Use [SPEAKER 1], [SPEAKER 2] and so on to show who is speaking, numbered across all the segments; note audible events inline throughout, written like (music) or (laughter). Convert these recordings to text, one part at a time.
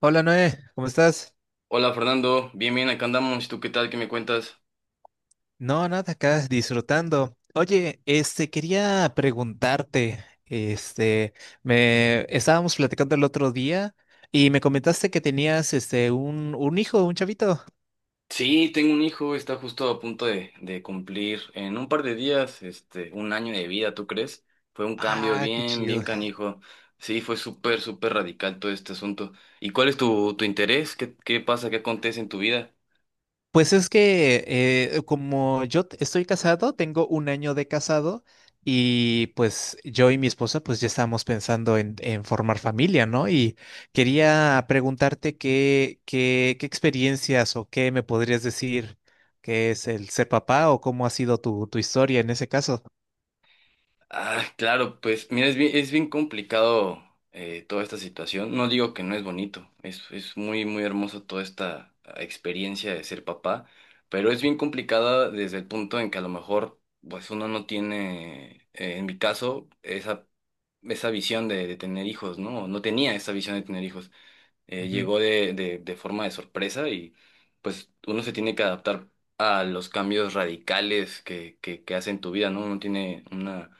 [SPEAKER 1] Hola Noé, ¿cómo estás?
[SPEAKER 2] Hola Fernando, bien, acá andamos. ¿Y tú qué tal? ¿Qué me cuentas?
[SPEAKER 1] No, nada, acá disfrutando. Oye, quería preguntarte, me estábamos platicando el otro día y me comentaste que tenías, un hijo, un chavito.
[SPEAKER 2] Sí, tengo un hijo, está justo a punto de cumplir en un par de días, un año de vida, ¿tú crees? Fue un cambio
[SPEAKER 1] Ah, qué
[SPEAKER 2] bien
[SPEAKER 1] chido.
[SPEAKER 2] canijo. Sí, fue súper radical todo este asunto. ¿Y cuál es tu interés? ¿Qué pasa? ¿Qué acontece en tu vida?
[SPEAKER 1] Pues es que como yo estoy casado, tengo un año de casado y pues yo y mi esposa pues ya estábamos pensando en formar familia, ¿no? Y quería preguntarte qué experiencias o qué me podrías decir que es el ser papá o cómo ha sido tu historia en ese caso.
[SPEAKER 2] Ah, claro, pues mira, es bien complicado toda esta situación. No digo que no es bonito, es muy hermoso toda esta experiencia de ser papá, pero es bien complicada desde el punto en que a lo mejor pues uno no tiene, en mi caso, esa visión de tener hijos, ¿no? No tenía esa visión de tener hijos.
[SPEAKER 1] Ujú,
[SPEAKER 2] Llegó de forma de sorpresa y pues uno se tiene que adaptar a los cambios radicales que hacen tu vida, ¿no? Uno tiene una.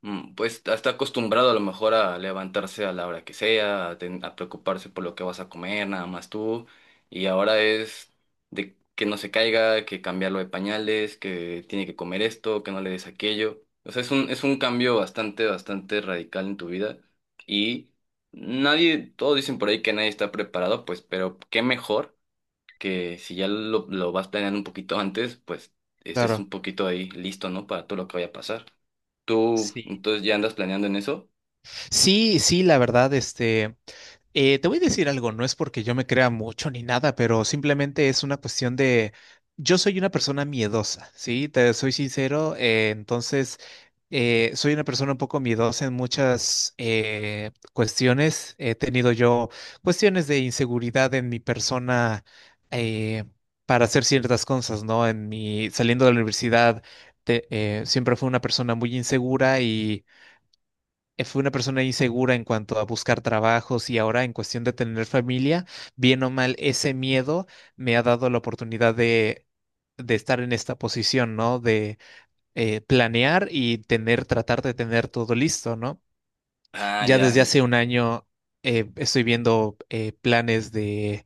[SPEAKER 2] Pues está acostumbrado a lo mejor a levantarse a la hora que sea, a, a preocuparse por lo que vas a comer, nada más tú. Y ahora es de que no se caiga, que cambiarlo de pañales, que tiene que comer esto, que no le des aquello. O sea, es un cambio bastante radical en tu vida. Y nadie, todos dicen por ahí que nadie está preparado, pues, pero qué mejor que si ya lo vas planeando un poquito antes, pues estés un
[SPEAKER 1] claro.
[SPEAKER 2] poquito ahí listo, ¿no? Para todo lo que vaya a pasar. Tú,
[SPEAKER 1] Sí.
[SPEAKER 2] entonces ya andas planeando en eso.
[SPEAKER 1] Sí, sí, la verdad, te voy a decir algo, no es porque yo me crea mucho ni nada, pero simplemente es una cuestión de, yo soy una persona miedosa, ¿sí? Te soy sincero, soy una persona un poco miedosa en muchas cuestiones. He tenido yo cuestiones de inseguridad en mi persona eh, para hacer ciertas cosas, ¿no? En mi, saliendo de la universidad, siempre fui una persona muy insegura y fue una persona insegura en cuanto a buscar trabajos, y ahora en cuestión de tener familia, bien o mal, ese miedo me ha dado la oportunidad de, estar en esta posición, ¿no? De planear y tener, tratar de tener todo listo, ¿no?
[SPEAKER 2] Ah,
[SPEAKER 1] Ya
[SPEAKER 2] ya.
[SPEAKER 1] desde hace un año estoy viendo planes de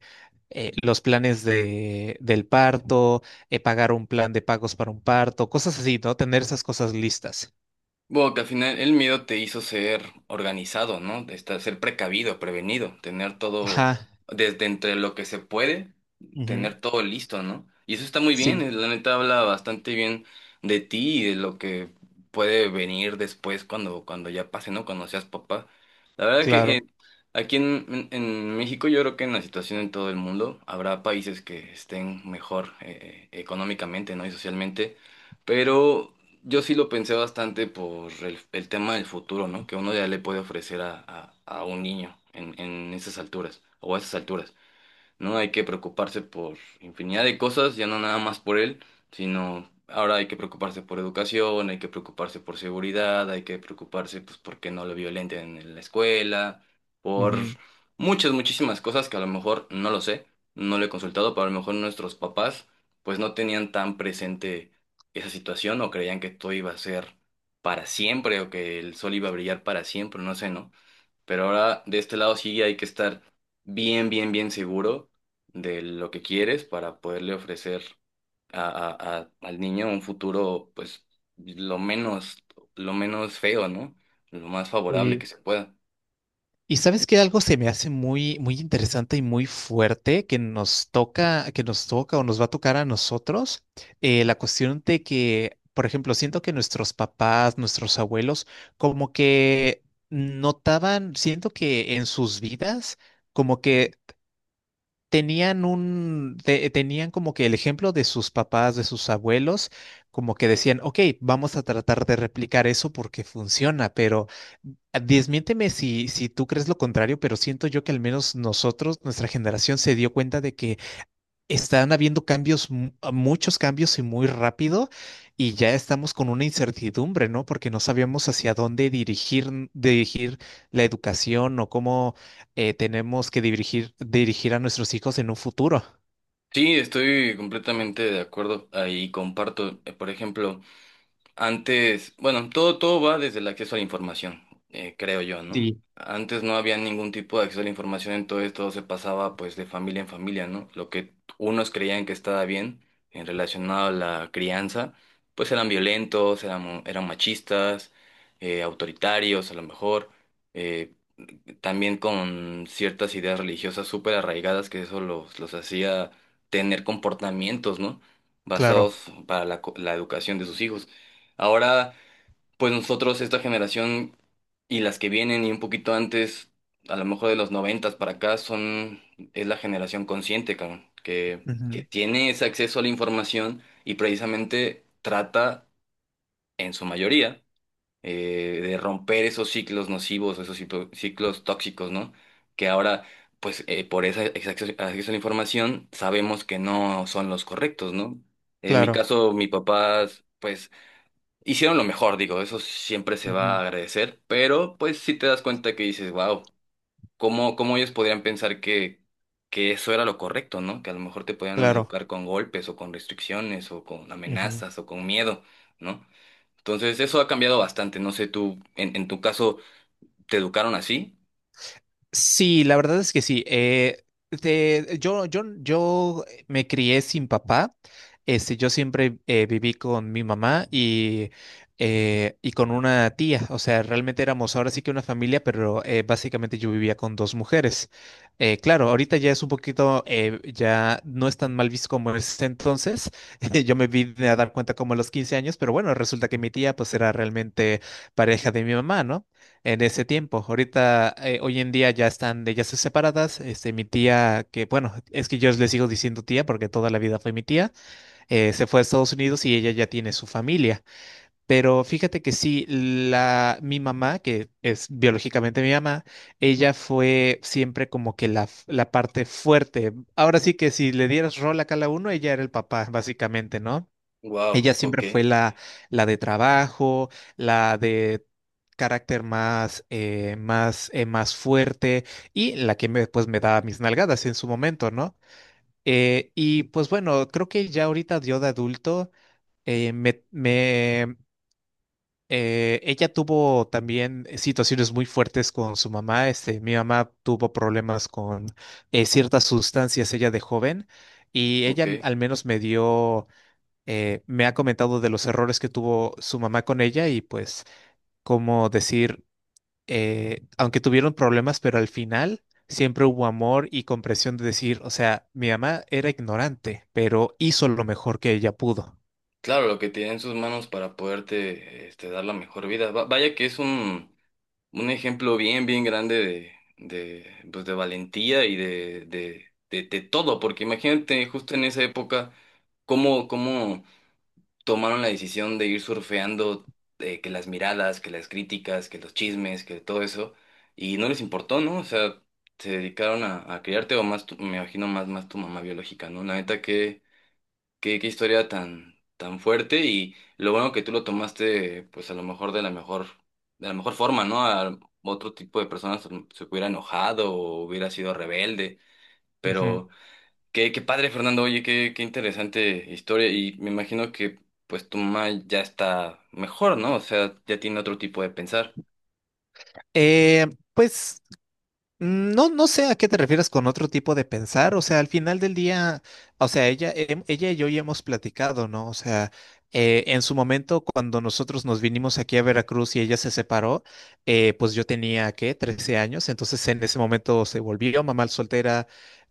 [SPEAKER 1] los planes de, del parto, pagar un plan de pagos para un parto, cosas así, ¿no? Tener esas cosas listas.
[SPEAKER 2] Bueno, que al final el miedo te hizo ser organizado, ¿no? Estar, ser precavido, prevenido, tener todo
[SPEAKER 1] Ajá,
[SPEAKER 2] desde entre lo que se puede,
[SPEAKER 1] ujú.
[SPEAKER 2] tener todo listo, ¿no? Y eso está muy bien,
[SPEAKER 1] Sí,
[SPEAKER 2] la neta habla bastante bien de ti y de lo que puede venir después cuando, cuando ya pase, ¿no? Cuando seas papá. La verdad
[SPEAKER 1] claro.
[SPEAKER 2] que aquí en, en México yo creo que en la situación en todo el mundo habrá países que estén mejor económicamente, ¿no? Y socialmente, pero yo sí lo pensé bastante por el tema del futuro, ¿no? Que uno ya le puede ofrecer a, a un niño en esas alturas o a esas alturas. ¿No? Hay que preocuparse por infinidad de cosas, ya no nada más por él, sino ahora hay que preocuparse por educación, hay que preocuparse por seguridad, hay que preocuparse, pues, porque no lo violenten en la escuela, por
[SPEAKER 1] Ujú.
[SPEAKER 2] muchas, muchísimas cosas que a lo mejor no lo sé, no lo he consultado, pero a lo mejor nuestros papás, pues, no tenían tan presente esa situación o creían que todo iba a ser para siempre o que el sol iba a brillar para siempre, no sé, ¿no? Pero ahora de este lado sí hay que estar bien seguro de lo que quieres para poderle ofrecer a, al niño un futuro, pues, lo menos, lo menos feo, ¿no? Lo más favorable
[SPEAKER 1] Eh,
[SPEAKER 2] que se pueda.
[SPEAKER 1] y sabes que algo se me hace muy, muy interesante y muy fuerte que nos toca o nos va a tocar a nosotros, la cuestión de que, por ejemplo, siento que nuestros papás, nuestros abuelos, como que notaban, siento que en sus vidas, como que tenían un, tenían como que el ejemplo de sus papás, de sus abuelos, como que decían, ok, vamos a tratar de replicar eso porque funciona, pero desmiénteme si, tú crees lo contrario, pero siento yo que al menos nosotros, nuestra generación, se dio cuenta de que están habiendo cambios, muchos cambios y muy rápido, y ya estamos con una incertidumbre, ¿no? Porque no sabíamos hacia dónde dirigir, dirigir la educación o cómo tenemos que dirigir, dirigir a nuestros hijos en un futuro.
[SPEAKER 2] Sí, estoy completamente de acuerdo ahí, comparto. Por ejemplo, antes, bueno, todo, todo va desde el acceso a la información, creo yo, ¿no?
[SPEAKER 1] Sí.
[SPEAKER 2] Antes no había ningún tipo de acceso a la información, entonces todo se pasaba pues de familia en familia, ¿no? Lo que unos creían que estaba bien en relacionado a la crianza, pues eran violentos, eran, eran machistas, autoritarios a lo mejor, eh, también con ciertas ideas religiosas súper arraigadas que eso los hacía tener comportamientos, ¿no?
[SPEAKER 1] Claro,
[SPEAKER 2] Basados para la, la educación de sus hijos. Ahora, pues nosotros, esta generación y las que vienen y un poquito antes, a lo mejor de los noventas para acá, son, es la generación consciente, cabrón, que
[SPEAKER 1] ujú,
[SPEAKER 2] tiene ese acceso a la información y precisamente trata, en su mayoría, de romper esos ciclos nocivos, esos ciclos tóxicos, ¿no? Que ahora, pues por ese ese acceso a la información, sabemos que no son los correctos, ¿no? En mi
[SPEAKER 1] claro,
[SPEAKER 2] caso, mi papá, pues hicieron lo mejor, digo, eso siempre se va
[SPEAKER 1] ujú,
[SPEAKER 2] a agradecer, pero pues sí te das cuenta que dices, wow, ¿cómo, cómo ellos podrían pensar que eso era lo correcto, ¿no? Que a lo mejor te podían
[SPEAKER 1] claro.
[SPEAKER 2] educar con golpes o con restricciones o con
[SPEAKER 1] Ujú.
[SPEAKER 2] amenazas o con miedo, ¿no? Entonces eso ha cambiado bastante, no sé, tú, en tu caso, ¿te educaron así?
[SPEAKER 1] Sí, la verdad es que sí. Yo me crié sin papá. Este, yo siempre viví con mi mamá y con una tía. O sea, realmente éramos ahora sí que una familia, pero básicamente yo vivía con dos mujeres. Claro, ahorita ya es un poquito, ya no es tan mal visto como es entonces. (laughs) Yo me vine a dar cuenta como a los 15 años, pero bueno, resulta que mi tía pues era realmente pareja de mi mamá, ¿no?, en ese tiempo. Ahorita, hoy en día ya están de ellas separadas. Este, mi tía, que bueno, es que yo le sigo diciendo tía porque toda la vida fue mi tía, se fue a Estados Unidos y ella ya tiene su familia. Pero fíjate que sí, mi mamá, que es biológicamente mi mamá, ella fue siempre como que la parte fuerte. Ahora sí que si le dieras rol a cada uno, ella era el papá, básicamente, ¿no?
[SPEAKER 2] Wow,
[SPEAKER 1] Ella siempre
[SPEAKER 2] ok,
[SPEAKER 1] fue la de trabajo, la de carácter más, más, más fuerte, y la que me, pues, me da mis nalgadas en su momento, ¿no? Y pues bueno, creo que ya ahorita yo de adulto, eh, me, me, ella tuvo también situaciones muy fuertes con su mamá. Este, mi mamá tuvo problemas con ciertas sustancias ella de joven, y
[SPEAKER 2] ok.
[SPEAKER 1] ella al menos me ha comentado de los errores que tuvo su mamá con ella y pues cómo decir, aunque tuvieron problemas, pero al final siempre hubo amor y comprensión de decir, o sea, mi mamá era ignorante, pero hizo lo mejor que ella pudo.
[SPEAKER 2] Claro, lo que tiene en sus manos para poderte este, dar la mejor vida. Vaya que es un... Un ejemplo bien grande de, pues de valentía y de todo, porque imagínate justo en esa época cómo, cómo tomaron la decisión de ir surfeando que las miradas, que las críticas, que los chismes, que todo eso, y no les importó, ¿no? O sea, se dedicaron a criarte o más, me imagino más, más tu mamá biológica, ¿no? La neta, que qué, qué historia tan fuerte y lo bueno que tú lo tomaste, pues a lo mejor de la mejor, de la mejor forma, ¿no? A otro tipo de personas se se hubiera enojado o hubiera sido rebelde,
[SPEAKER 1] Ujú.
[SPEAKER 2] pero qué, qué padre, Fernando, oye, qué, qué interesante historia y me imagino que pues tu mamá ya está mejor, ¿no? O sea, ya tiene otro tipo de pensar.
[SPEAKER 1] Eh, pues mm, no, no sé a qué te refieres con otro tipo de pensar, o sea, al final del día, o sea, ella, ella y yo ya hemos platicado, ¿no? O sea, en su momento, cuando nosotros nos vinimos aquí a Veracruz y ella se separó, pues yo tenía, ¿qué?, 13 años, entonces en ese momento se volvió mamá soltera,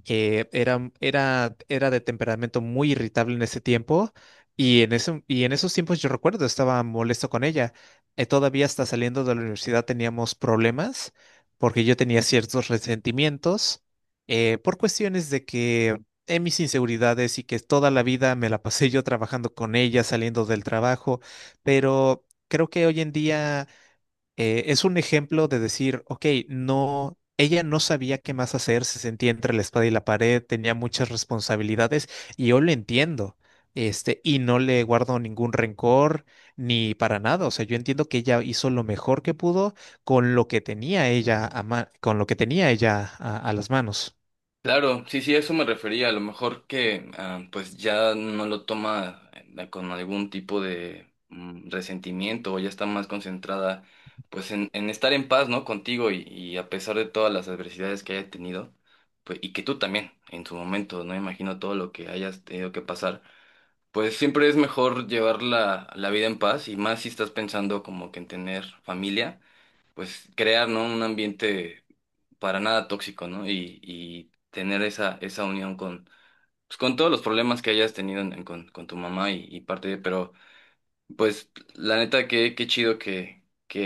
[SPEAKER 1] era de temperamento muy irritable en ese tiempo, y en ese, y en esos tiempos yo recuerdo, estaba molesto con ella, todavía hasta saliendo de la universidad teníamos problemas porque yo tenía ciertos resentimientos por cuestiones de que en mis inseguridades y que toda la vida me la pasé yo trabajando con ella, saliendo del trabajo, pero creo que hoy en día es un ejemplo de decir, ok, no, ella no sabía qué más hacer, se sentía entre la espada y la pared, tenía muchas responsabilidades y yo lo entiendo. Este, y no le guardo ningún rencor ni para nada. O sea, yo entiendo que ella hizo lo mejor que pudo con lo que tenía ella a con lo que tenía ella a, las manos.
[SPEAKER 2] Claro, sí, sí, a eso me refería. A lo mejor que pues ya no lo toma con algún tipo de resentimiento o ya está más concentrada pues en estar en paz, ¿no? Contigo y a pesar de todas las adversidades que haya tenido, pues y que tú también en su momento, ¿no? Imagino todo lo que hayas tenido que pasar. Pues siempre es mejor llevar la, la vida en paz y más si estás pensando como que en tener familia, pues crear, ¿no? Un ambiente para nada tóxico, ¿no? Y tener esa, esa unión con, pues, con todos los problemas que hayas tenido en- con tu mamá y parte de, pero pues la neta que qué chido que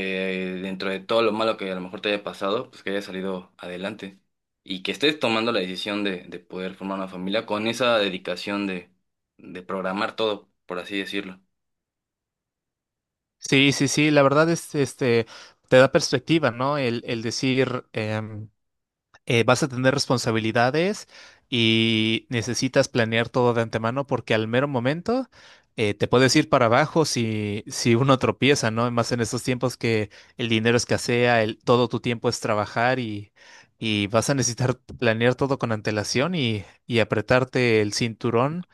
[SPEAKER 2] dentro de todo lo malo que a lo mejor te haya pasado, pues que hayas salido adelante y que estés tomando la decisión de poder formar una familia con esa dedicación de programar todo, por así decirlo.
[SPEAKER 1] Sí, sí, sí, la verdad es, te da perspectiva, ¿no? El decir, vas a tener responsabilidades y necesitas planear todo de antemano porque al mero momento te puedes ir para abajo si, uno tropieza, ¿no? Más en estos tiempos que el dinero escasea, el, todo tu tiempo es trabajar y vas a necesitar (laughs) planear todo con antelación y apretarte el cinturón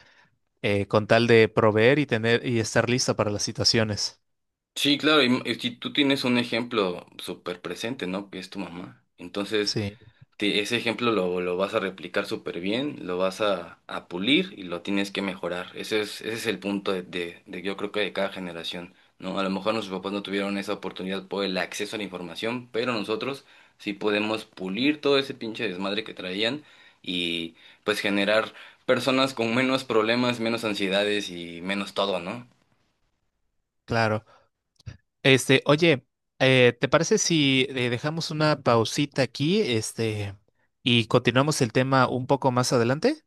[SPEAKER 1] con tal de proveer y tener y estar lista para las situaciones.
[SPEAKER 2] Sí, claro, y si tú tienes un ejemplo súper presente, ¿no? Que es tu mamá. Entonces,
[SPEAKER 1] Sí,
[SPEAKER 2] ese ejemplo lo vas a replicar súper bien, lo vas a pulir y lo tienes que mejorar. Ese es el punto de, yo creo que de cada generación, ¿no? A lo mejor nuestros papás no tuvieron esa oportunidad por el acceso a la información, pero nosotros sí podemos pulir todo ese pinche desmadre que traían y pues generar personas con menos problemas, menos ansiedades y menos todo, ¿no?
[SPEAKER 1] claro. Este, oye, ¿te parece si dejamos una pausita aquí, y continuamos el tema un poco más adelante?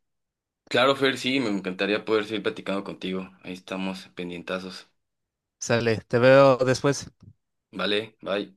[SPEAKER 2] Claro, Fer, sí, me encantaría poder seguir platicando contigo. Ahí estamos, pendientazos.
[SPEAKER 1] Sale, te veo después.
[SPEAKER 2] Vale, bye.